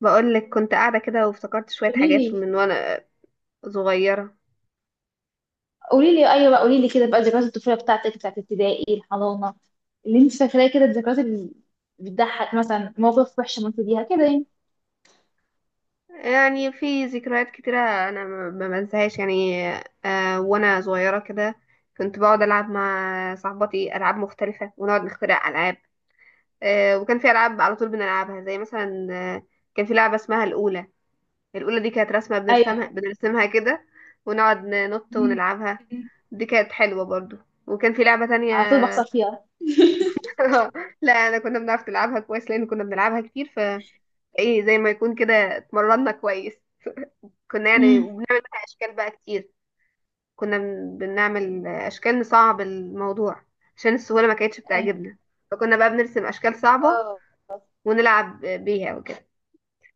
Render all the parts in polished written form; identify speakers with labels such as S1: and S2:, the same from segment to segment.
S1: بقولك، كنت قاعدة كده وافتكرت شوية
S2: قولي
S1: حاجات
S2: لي
S1: من وأنا صغيرة.
S2: قولي لي ايوه بقى قولي لي كده بقى ذكريات الطفوله بتاعتك بتاعت ابتدائي الحضانه اللي انت فاكراه كده الذكريات اللي بتضحك، مثلا مواقف وحشه مريت بيها كده يعني.
S1: يعني في ذكريات كتيرة أنا ما بنساهاش يعني. وأنا صغيرة كده كنت بقعد ألعب مع صاحباتي ألعاب مختلفة ونقعد نخترع ألعاب. وكان في ألعاب على طول بنلعبها زي مثلا كان في لعبة اسمها الأولى. الأولى دي كانت رسمة
S2: ايوه.
S1: بنرسمها كده، ونقعد ننط
S2: مم.
S1: ونلعبها. دي كانت حلوة برضو. وكان في لعبة تانية.
S2: على طول بخسر فيها.
S1: لا، أنا كنا بنعرف نلعبها كويس لأن كنا بنلعبها كتير. ايه، زي ما يكون كده اتمرنا كويس. كنا يعني
S2: مم.
S1: وبنعمل بقى اشكال بقى كتير. كنا بنعمل اشكال نصعب الموضوع، عشان السهوله ما كانتش
S2: ايوه.
S1: بتعجبنا. فكنا بقى بنرسم اشكال صعبه،
S2: اه.
S1: ونلعب بيها وكده.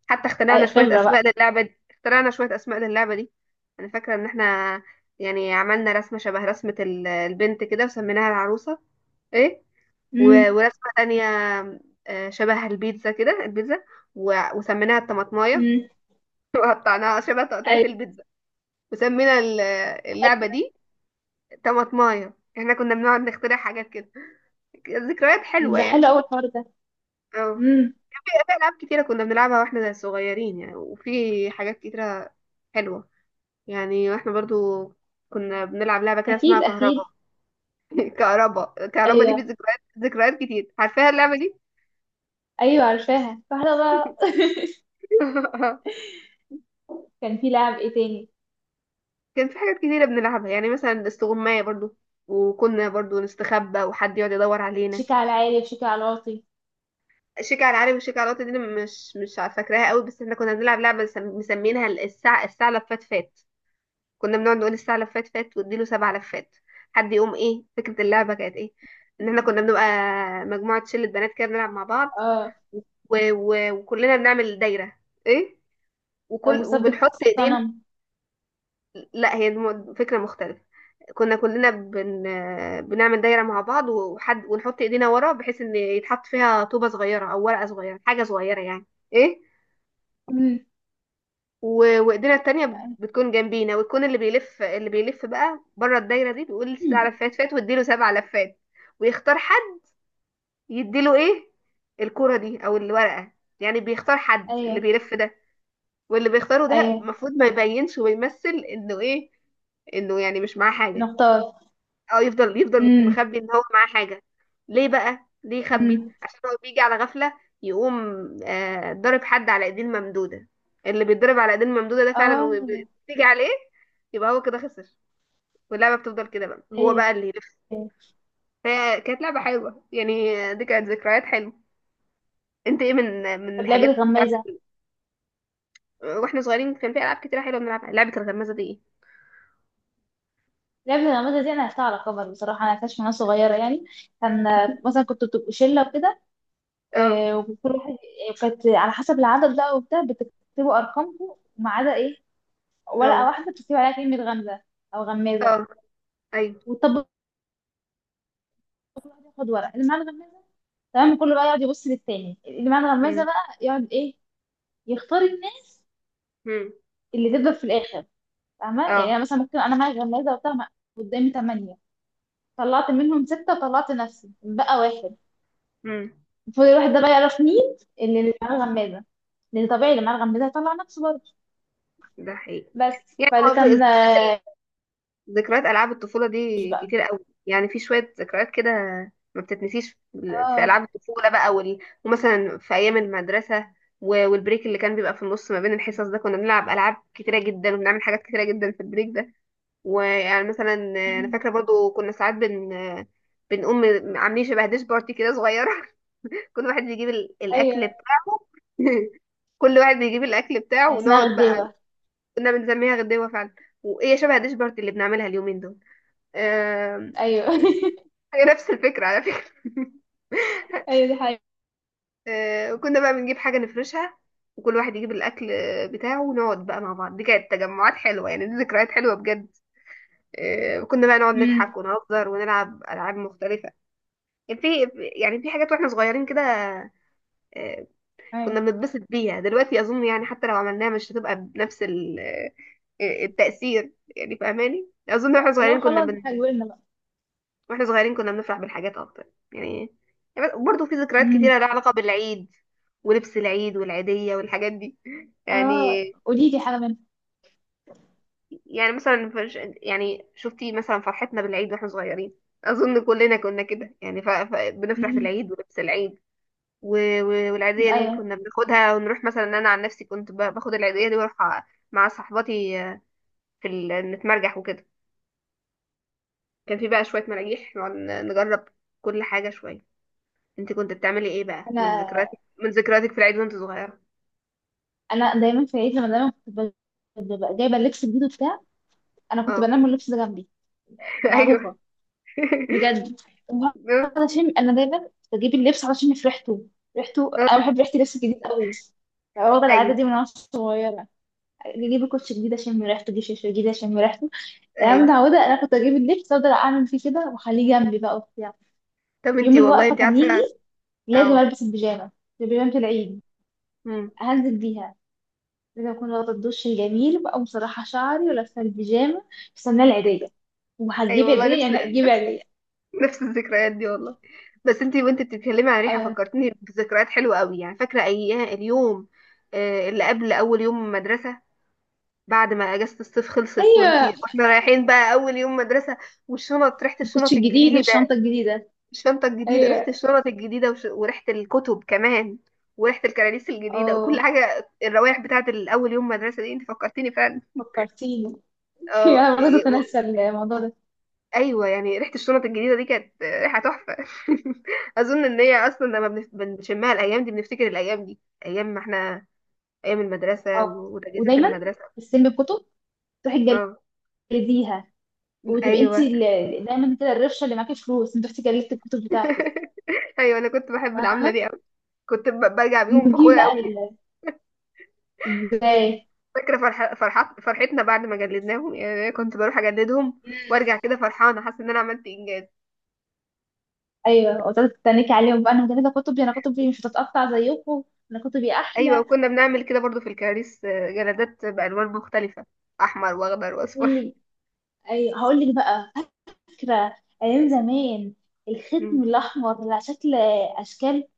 S1: حتى اخترعنا
S2: أي
S1: شويه
S2: خبره
S1: اسماء
S2: بقى.
S1: للعبه دي انا فاكره ان احنا، يعني عملنا رسمه شبه رسمه البنت كده وسميناها العروسه. ايه.
S2: امم.
S1: ورسمه تانية، شبه البيتزا كده. البيتزا وسميناها الطماطمايه.
S2: امم.
S1: وقطعناها شبه تقطيعة
S2: ايوه.
S1: البيتزا، وسمينا اللعبة
S2: حلو.
S1: دي طماطماية. احنا كنا بنقعد نخترع حاجات كده. ذكريات
S2: ده
S1: حلوة
S2: ده حلو
S1: يعني.
S2: اول الحوار ده.
S1: اه
S2: امم.
S1: في ألعاب كتيرة كنا بنلعبها واحنا صغيرين يعني، وفي حاجات كتيرة حلوة. يعني واحنا برضو كنا بنلعب لعبة كده اسمها
S2: اكيد
S1: كهربا.
S2: اكيد.
S1: كهربا دي في
S2: ايوه.
S1: ذكريات كتير، عارفاها اللعبة دي.
S2: ايوه عارفاها فاحنا بقى كان في لعب ايه تاني؟
S1: كان في حاجات كتيرة بنلعبها، يعني مثلا استغماية برضو. وكنا برضو نستخبى وحد يقعد يدور علينا.
S2: شيك على العالي وشيك على الواطي.
S1: شيك على العالي وشيك على الوطني دي أنا مش عارفة فاكراها قوي، بس احنا كنا بنلعب لعبة مسمينها الساعة لفات فات. كنا بنقعد نقول الساعة لفات فات واديله سبع لفات. حد يقوم، ايه فكرة اللعبة؟ كانت ايه؟ ان احنا كنا بنبقى مجموعة، شلة بنات كده بنلعب مع بعض،
S2: اه
S1: و... و... وكلنا بنعمل دايرة. ايه.
S2: طب وثبت
S1: وبنحط ايدينا.
S2: الصنم.
S1: لا، هي فكرة مختلفة. كنا كلنا بنعمل دايرة مع بعض وحد، ونحط ايدينا ورا بحيث ان يتحط فيها طوبة صغيرة او ورقة صغيرة، حاجة صغيرة يعني. ايه. وايدينا التانية
S2: يعني،
S1: بتكون جنبينا، ويكون اللي بيلف بقى بره الدايرة دي، بيقول سبع
S2: أمم،
S1: لفات فات واديله سبع لفات. ويختار حد، يديله ايه؟ الكرة دي او الورقة. يعني بيختار حد
S2: ايوه.
S1: اللي بيلف ده، واللي بيختاره ده
S2: ايوه.
S1: المفروض ما يبينش ويمثل انه ايه، انه يعني مش معاه حاجة.
S2: نختار.
S1: اه، يفضل
S2: امم.
S1: مخبي ان هو معاه حاجة. ليه يخبي؟
S2: امم.
S1: عشان هو بيجي على غفلة، يقوم ضارب حد على ايدين ممدودة. اللي بيتضرب على ايدين ممدودة ده فعلا
S2: اه.
S1: وبتيجي عليه، يبقى هو كده خسر. واللعبة بتفضل كده بقى، هو
S2: ايوه.
S1: بقى اللي يلف.
S2: أيوه.
S1: هي كانت لعبة حلوة يعني، دي كانت ذكريات حلوة. انت ايه من
S2: طب لعبة
S1: الحاجات بتاعت،
S2: الغمازة.
S1: واحنا صغيرين كان في العاب كتير حلوة بنلعبها؟ لعبة الغمازة دي ايه؟
S2: لعبة الغمازة دي أنا لعبتها على كبر بصراحة، أنا لعبتهاش من وأنا صغيرة يعني. كان مثلا كنت بتبقوا شلة وكده،
S1: اه،
S2: وكل واحد كانت على حسب العدد بقى وبتاع، بتكتبوا أرقامكم وما عدا إيه، ورقة
S1: اه،
S2: واحدة بتكتب عليها كلمة غمزة أو غمازة
S1: اه، ايوه،
S2: وتطبق. كل واحد ياخد ورقة، اللي معاه الغمازة تمام، كله بقى يقعد يبص للتاني، اللي معاه الغمازة
S1: امم،
S2: بقى يقعد إيه، يختار الناس
S1: امم،
S2: اللي تفضل في الآخر. فاهمه يعني انا
S1: اه،
S2: مثلا ممكن انا معايا غمازه وبتاع ما- قدامي ثمانيه، طلعت منهم سته وطلعت نفسي بقى واحد.
S1: امم.
S2: المفروض الواحد ده بقى يعرف مين اللي معاه الغمازه، لان طبيعي اللي معاه الغمازه هيطلع نفسه برضه.
S1: ده حقيقي.
S2: بس
S1: يعني
S2: فاللي
S1: هو في
S2: كان
S1: الذكريات،
S2: آه،
S1: ذكريات ألعاب الطفولة
S2: مش
S1: دي
S2: بقى.
S1: كتير قوي يعني. في شوية ذكريات كده ما بتتنسيش في ألعاب
S2: اه.
S1: الطفولة بقى ومثلا في أيام المدرسة والبريك اللي كان بيبقى في النص ما بين الحصص ده، كنا بنلعب ألعاب كتيرة جدا وبنعمل حاجات كتيرة جدا في البريك ده. ويعني مثلا أنا
S2: مم.
S1: فاكرة برضو كنا ساعات بنقوم عاملين شبه ديش بارتي كده صغيرة. كل واحد بيجيب
S2: ايوه
S1: الأكل بتاعه. كل واحد بيجيب الأكل بتاعه،
S2: يعني اسمها
S1: ونقعد بقى.
S2: غديوه.
S1: كنا بنسميها غدوة فعلا، وإيه شبه ديش بارتي اللي بنعملها اليومين دول. آم،
S2: ايوه.
S1: هي نفس الفكرة على فكرة.
S2: ايوه دي حاجه.
S1: وكنا بقى بنجيب حاجة نفرشها، وكل واحد يجيب الأكل بتاعه، ونقعد بقى مع بعض. دي كانت تجمعات حلوة يعني، دي ذكريات حلوة بجد. كنا بقى نقعد
S2: امم.
S1: نضحك ونهزر ونلعب ألعاب مختلفة. كان في، يعني في حاجات واحنا صغيرين كده، آه،
S2: ايوه.
S1: كنا بنتبسط بيها. دلوقتي أظن يعني حتى لو عملناها مش هتبقى بنفس التأثير، يعني فاهماني؟ أظن واحنا
S2: لو
S1: صغيرين كنا
S2: خلاص
S1: بن
S2: احنا كبرنا بقى.
S1: واحنا صغيرين كنا بنفرح بالحاجات اكتر يعني. برضه في ذكريات
S2: امم.
S1: كتيرة لها علاقة بالعيد، ولبس العيد والعيدية والحاجات دي يعني
S2: اه قولي لي حاجه منها.
S1: يعني مثلا يعني شفتي مثلا فرحتنا بالعيد واحنا صغيرين؟ اظن كلنا كنا كده يعني بنفرح
S2: امم.
S1: بالعيد ولبس العيد. والعيدية دي
S2: ايوه.
S1: كنا بناخدها ونروح، مثلا انا عن نفسي كنت باخد العيدية دي واروح أ- مع صحباتي في نتمرجح وكده. كان في بقى شوية مراجيح نقعد نجرب كل حاجة شوية. انت كنت بتعملي ايه بقى من
S2: انا،
S1: ذكرياتك من ذكرياتك في العيد وانت صغيرة؟
S2: انا دايما في العيد، لما دايما كنت ب- ببقى جايبه اللبس الجديد وبتاع، انا كنت
S1: اه.
S2: بنام واللبس ده جنبي.
S1: ايوه.
S2: معروفه. بجد.
S1: اه،
S2: وعلشان انا دايما بجيب اللبس علشان في ريحته، ريحته، انا
S1: اه،
S2: بحب ريحه اللبس الجديد قوي. واخدة
S1: ايوه،
S2: العادة دي من وانا صغيرة، اجيب الكوتش جديد اشم ريحته، اجيب شاشه جديد اشم ريحته. انا
S1: ايوه.
S2: متعودة، انا كنت اجيب اللبس افضل اعمل فيه كده واخليه جنبي بقى وبتاع.
S1: طب انت،
S2: يوم
S1: والله
S2: الوقفة
S1: انت
S2: كان يجي
S1: عارفة.
S2: لازم
S1: اه.
S2: البس البيجامة، بيجامة العيد
S1: امم.
S2: هنزل بيها. لازم اكون واخدة الدش الجميل بقى، مسرحة شعري ولابسة البيجامة، مستنية العيدية،
S1: ايوه،
S2: وهتجيب
S1: والله
S2: عيدية
S1: نفس.
S2: يعني هتجيب
S1: نفس
S2: عيدية.
S1: نفس الذكريات دي والله. بس انت بتتكلمي عن ريحة
S2: آه.
S1: فكرتني بذكريات حلوة قوي يعني. فاكرة ايام اليوم اللي قبل اول يوم مدرسة، بعد ما اجازة الصيف خلصت
S2: ايوه.
S1: واحنا رايحين بقى اول يوم مدرسة، والشنط، ريحة
S2: الكوتش
S1: الشنط
S2: الجديد والشنطه
S1: الجديدة.
S2: الجديده.
S1: الشنطة الجديدة، ريحة
S2: ايوه.
S1: الشنط الجديدة وريحة الكتب كمان، وريحة الكراريس الجديدة وكل
S2: اه
S1: حاجة. الروائح بتاعة الأول يوم مدرسة دي انت فكرتيني فعلا.
S2: فكرتيني.
S1: اه
S2: انا برضه
S1: ي- و-
S2: بنسى الموضوع ده.
S1: ايوه يعني ريحة الشنط الجديدة دي كانت ريحة تحفة. اظن ان هي اصلا لما بنشمها الايام دي بنفتكر الايام دي، ايام ما احنا، ايام المدرسة
S2: اه
S1: وتجهيزات
S2: ودايما
S1: المدرسة.
S2: تستلمي الكتب، تروحي
S1: اه،
S2: تجلديها، وتبقي انت
S1: ايوه.
S2: ال- دايما كده الرفشه اللي معاكي فلوس، انت رحتي جلدتي الكتب بتاعتك.
S1: ايوه، انا كنت بحب العملة
S2: فاهمه.
S1: دي قوي. كنت برجع بيهم
S2: نجيب
S1: فخورة
S2: بقى
S1: قوي.
S2: ال- ازاي.
S1: فاكرة فرحتنا بعد ما جلدناهم يعني، أنا كنت بروح أجلدهم
S2: مم.
S1: وأرجع كده فرحانة، حاسة إن أنا عملت إنجاز.
S2: ايوه وتقعدي تتنكي عليهم بقى، انا مجلده كتبي، انا كتبي مش هتتقطع زيكم، انا كتبي
S1: أيوة،
S2: احلى.
S1: وكنا بنعمل كده برضو في الكراريس، جلدات بألوان مختلفة، أحمر وأخضر وأصفر.
S2: واللي، ايوه هقول لك بقى فكرة أيام زمان،
S1: مم.
S2: الختم الأحمر على شكل أشكال،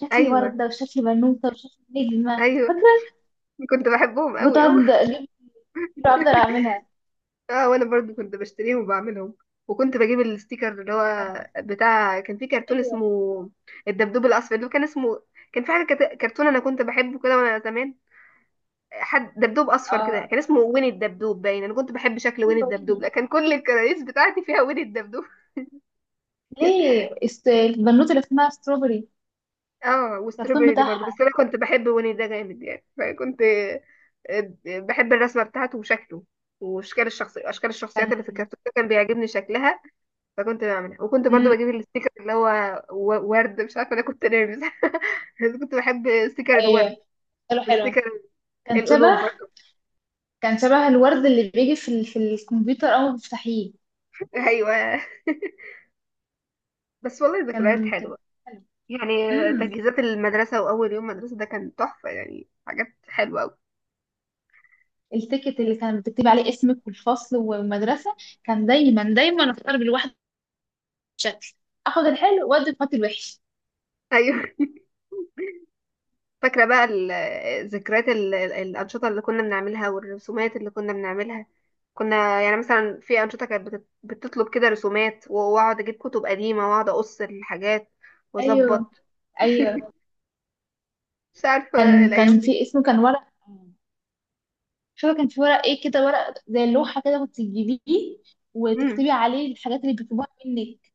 S2: شكل
S1: أيوة،
S2: وردة وشكل بنوتة وشكل نجمة
S1: أيوة،
S2: فاكرة.
S1: كنت بحبهم أوي أوي.
S2: بتقعد أجيب كتير وأفضل أعملها.
S1: اه وانا برضو كنت بشتريهم وبعملهم، وكنت بجيب الستيكر اللي هو بتاع. كان في كرتون اسمه
S2: أيوه.
S1: الدبدوب الاصفر، اللي هو كان اسمه، كان في حاجه كرتون انا كنت بحبه كده وانا زمان. حد دبدوب اصفر
S2: آه
S1: كده كان اسمه وين الدبدوب، باين انا كنت بحب شكل وين
S2: أيوه
S1: الدبدوب، لا
S2: ويني،
S1: كان كل الكراريس بتاعتي فيها وين الدبدوب.
S2: ليه است- البنوتة اللي اسمها ستروبري،
S1: اه
S2: الكرتون
S1: وستروبري دي برضو،
S2: بتاعها.
S1: بس انا كنت بحب ويني ده جامد يعني، فكنت بحب الرسمه بتاعته وشكله. واشكال الشخصيه اشكال الشخصيات
S2: كان.
S1: اللي في الكرتون ده كان بيعجبني شكلها، فكنت بعملها. وكنت برضو
S2: مم.
S1: بجيب الستيكر اللي هو ورد، مش عارفه انا كنت نيرفز. كنت بحب ستيكر
S2: أيوه.
S1: الورد،
S2: حلو حلو.
S1: وستيكر
S2: كان شبه،
S1: القلوب برضو.
S2: كان شبه الورد اللي بيجي في ال... في الكمبيوتر أول ما بتفتحيه.
S1: ايوه، بس والله ذكريات
S2: كان
S1: حلوه يعني،
S2: حلو.
S1: تجهيزات المدرسة وأول يوم مدرسة ده كان تحفة، يعني حاجات حلوة أوي.
S2: التيكت اللي كان بتكتبي عليه اسمك والفصل والمدرسة، كان دايما دايما اختار بالواحد شكل، اخد الحلو وادي قاتل الوحش.
S1: أيوة. فاكرة بقى ذكريات الأنشطة اللي كنا بنعملها والرسومات اللي كنا بنعملها. كنا يعني مثلا في أنشطة كانت بتطلب كده رسومات، وأقعد أجيب كتب قديمة وأقعد أقص الحاجات
S2: ايوه.
S1: وأظبط،
S2: ايوه
S1: مش عارفة
S2: كان
S1: الأيام
S2: كان
S1: دي.
S2: في اسمه كان ورق. مش فاكرة كان في ورق ايه كده، ورق زي اللوحة كده كنت تجيبيه
S1: مم.
S2: وتكتبي عليه الحاجات اللي بيطلبوها منك.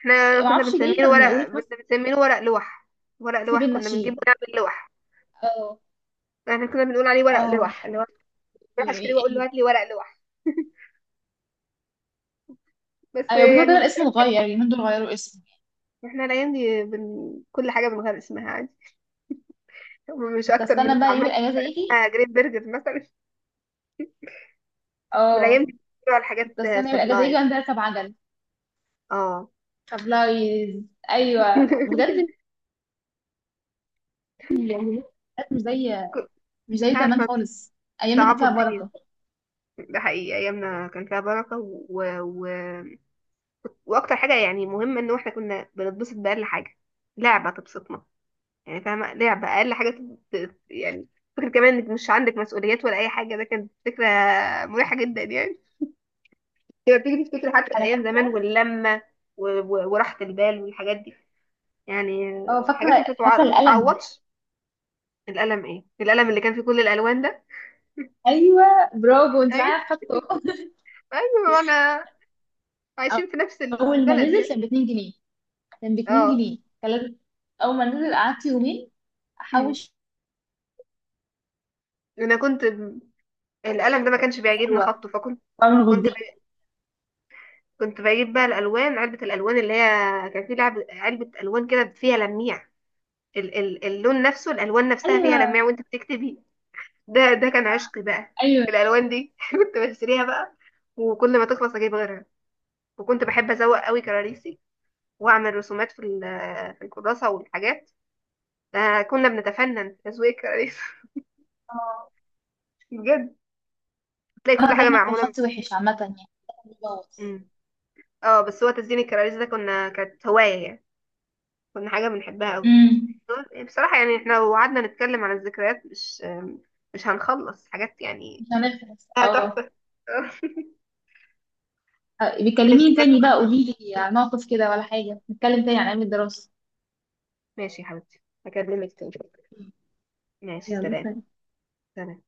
S1: احنا
S2: معرفش ليه، كانوا يقولوا لك مثلا
S1: كنا بنسميه ورق لوح. ورق
S2: اكتبي
S1: لوح كنا بنجيب
S2: النشيد.
S1: ونعمل لوح.
S2: اه.
S1: احنا كنا بنقول عليه ورق
S2: اه
S1: لوح، اللي هو بروح اشتري واقول له
S2: إيه؟
S1: هات لي ورق لوح، بس
S2: ايوه، بيقولوا دايما
S1: يعني.
S2: الاسم اتغير، اليومين دول غيروا اسمه.
S1: احنا الايام دي كل حاجه بنغير اسمها عادي، مش
S2: كنت
S1: اكتر من
S2: استنى بقى
S1: الطعميه
S2: يوم
S1: اللي
S2: الاجازة
S1: بقى
S2: يجي.
S1: اسمها جريت برجر مثلا. والايام
S2: اه.
S1: دي بيقولوا على حاجات
S2: كنت استنى يوم الاجازة يجي
S1: سبلايز.
S2: وانزل اركب عجل.
S1: اه.
S2: طب لايز. ايوه بجد ال- مش زي مش
S1: مش
S2: زي زمان
S1: عارفه،
S2: خالص. ايامنا كانت
S1: صعبوا
S2: فيها
S1: الدنيا.
S2: بركه.
S1: ده حقيقي، ايامنا كان فيها بركه واكتر حاجه يعني مهمه ان احنا كنا بنتبسط باقل حاجه، لعبه تبسطنا يعني. فاهمه، لعبه اقل حاجه يعني. فكرة كمان انك مش عندك مسؤوليات ولا اي حاجه، ده كانت فكره مريحه جدا يعني. تبقى بتيجي تفتكر حتى
S2: انا
S1: ايام
S2: فاكره.
S1: زمان واللمه و- و- وراحه البال والحاجات دي، يعني
S2: اه
S1: حاجات
S2: فاكره
S1: ما
S2: القلم.
S1: تتعوضش. القلم، ايه القلم اللي كان فيه كل الالوان ده؟
S2: ايوه. برافو انت معايا
S1: ايوه.
S2: في خطه.
S1: ايوه انا، عايشين في نفس
S2: اول ما
S1: البلد
S2: نزل
S1: يعني.
S2: كان ب 2 جنيه،
S1: اه.
S2: كان لازم- اول ما نزل قعدت يومين
S1: أمم.
S2: احوش.
S1: انا كنت ب- القلم ده ما كانش بيعجبني
S2: حلوه.
S1: خطه، فكنت
S2: واعمل
S1: كنت ب...
S2: غدين.
S1: كنت بجيب بقى الالوان، علبه الالوان اللي هي، كان في لعب علبه الوان كده فيها لميع، اللون نفسه، الالوان نفسها فيها
S2: ايوه.
S1: لميع وانت بتكتبي. ده كان عشقي بقى،
S2: ايوه.
S1: الالوان دي. كنت بشتريها بقى، وكل ما تخلص اجيب غيرها. وكنت بحب ازوق قوي كراريسي، واعمل رسومات في الكراسه والحاجات. كنا بنتفنن في تزويق الكراريس.
S2: اه
S1: بجد، تلاقي كل
S2: انا
S1: حاجه
S2: دايما كان
S1: معموله
S2: خطي وحش عامه يعني.
S1: مم. اه بس هو تزيين الكراريس ده كانت هوايه يعني، كنا حاجه بنحبها قوي.
S2: امم.
S1: بصراحه يعني، احنا لو قعدنا نتكلم عن الذكريات مش مش هنخلص حاجات
S2: مش
S1: يعني،
S2: هنخلص اه.
S1: تحفه. ماشي،
S2: بيكلميني
S1: كانت
S2: تاني بقى،
S1: مكالمة.
S2: قولي لي على موقف كده، ولا حاجة نتكلم تاني عن أيام الدراسة.
S1: ماشي يا حبيبتي، هكلمك تاني. ماشي،
S2: يلا
S1: سلام.
S2: سلام.
S1: سلام.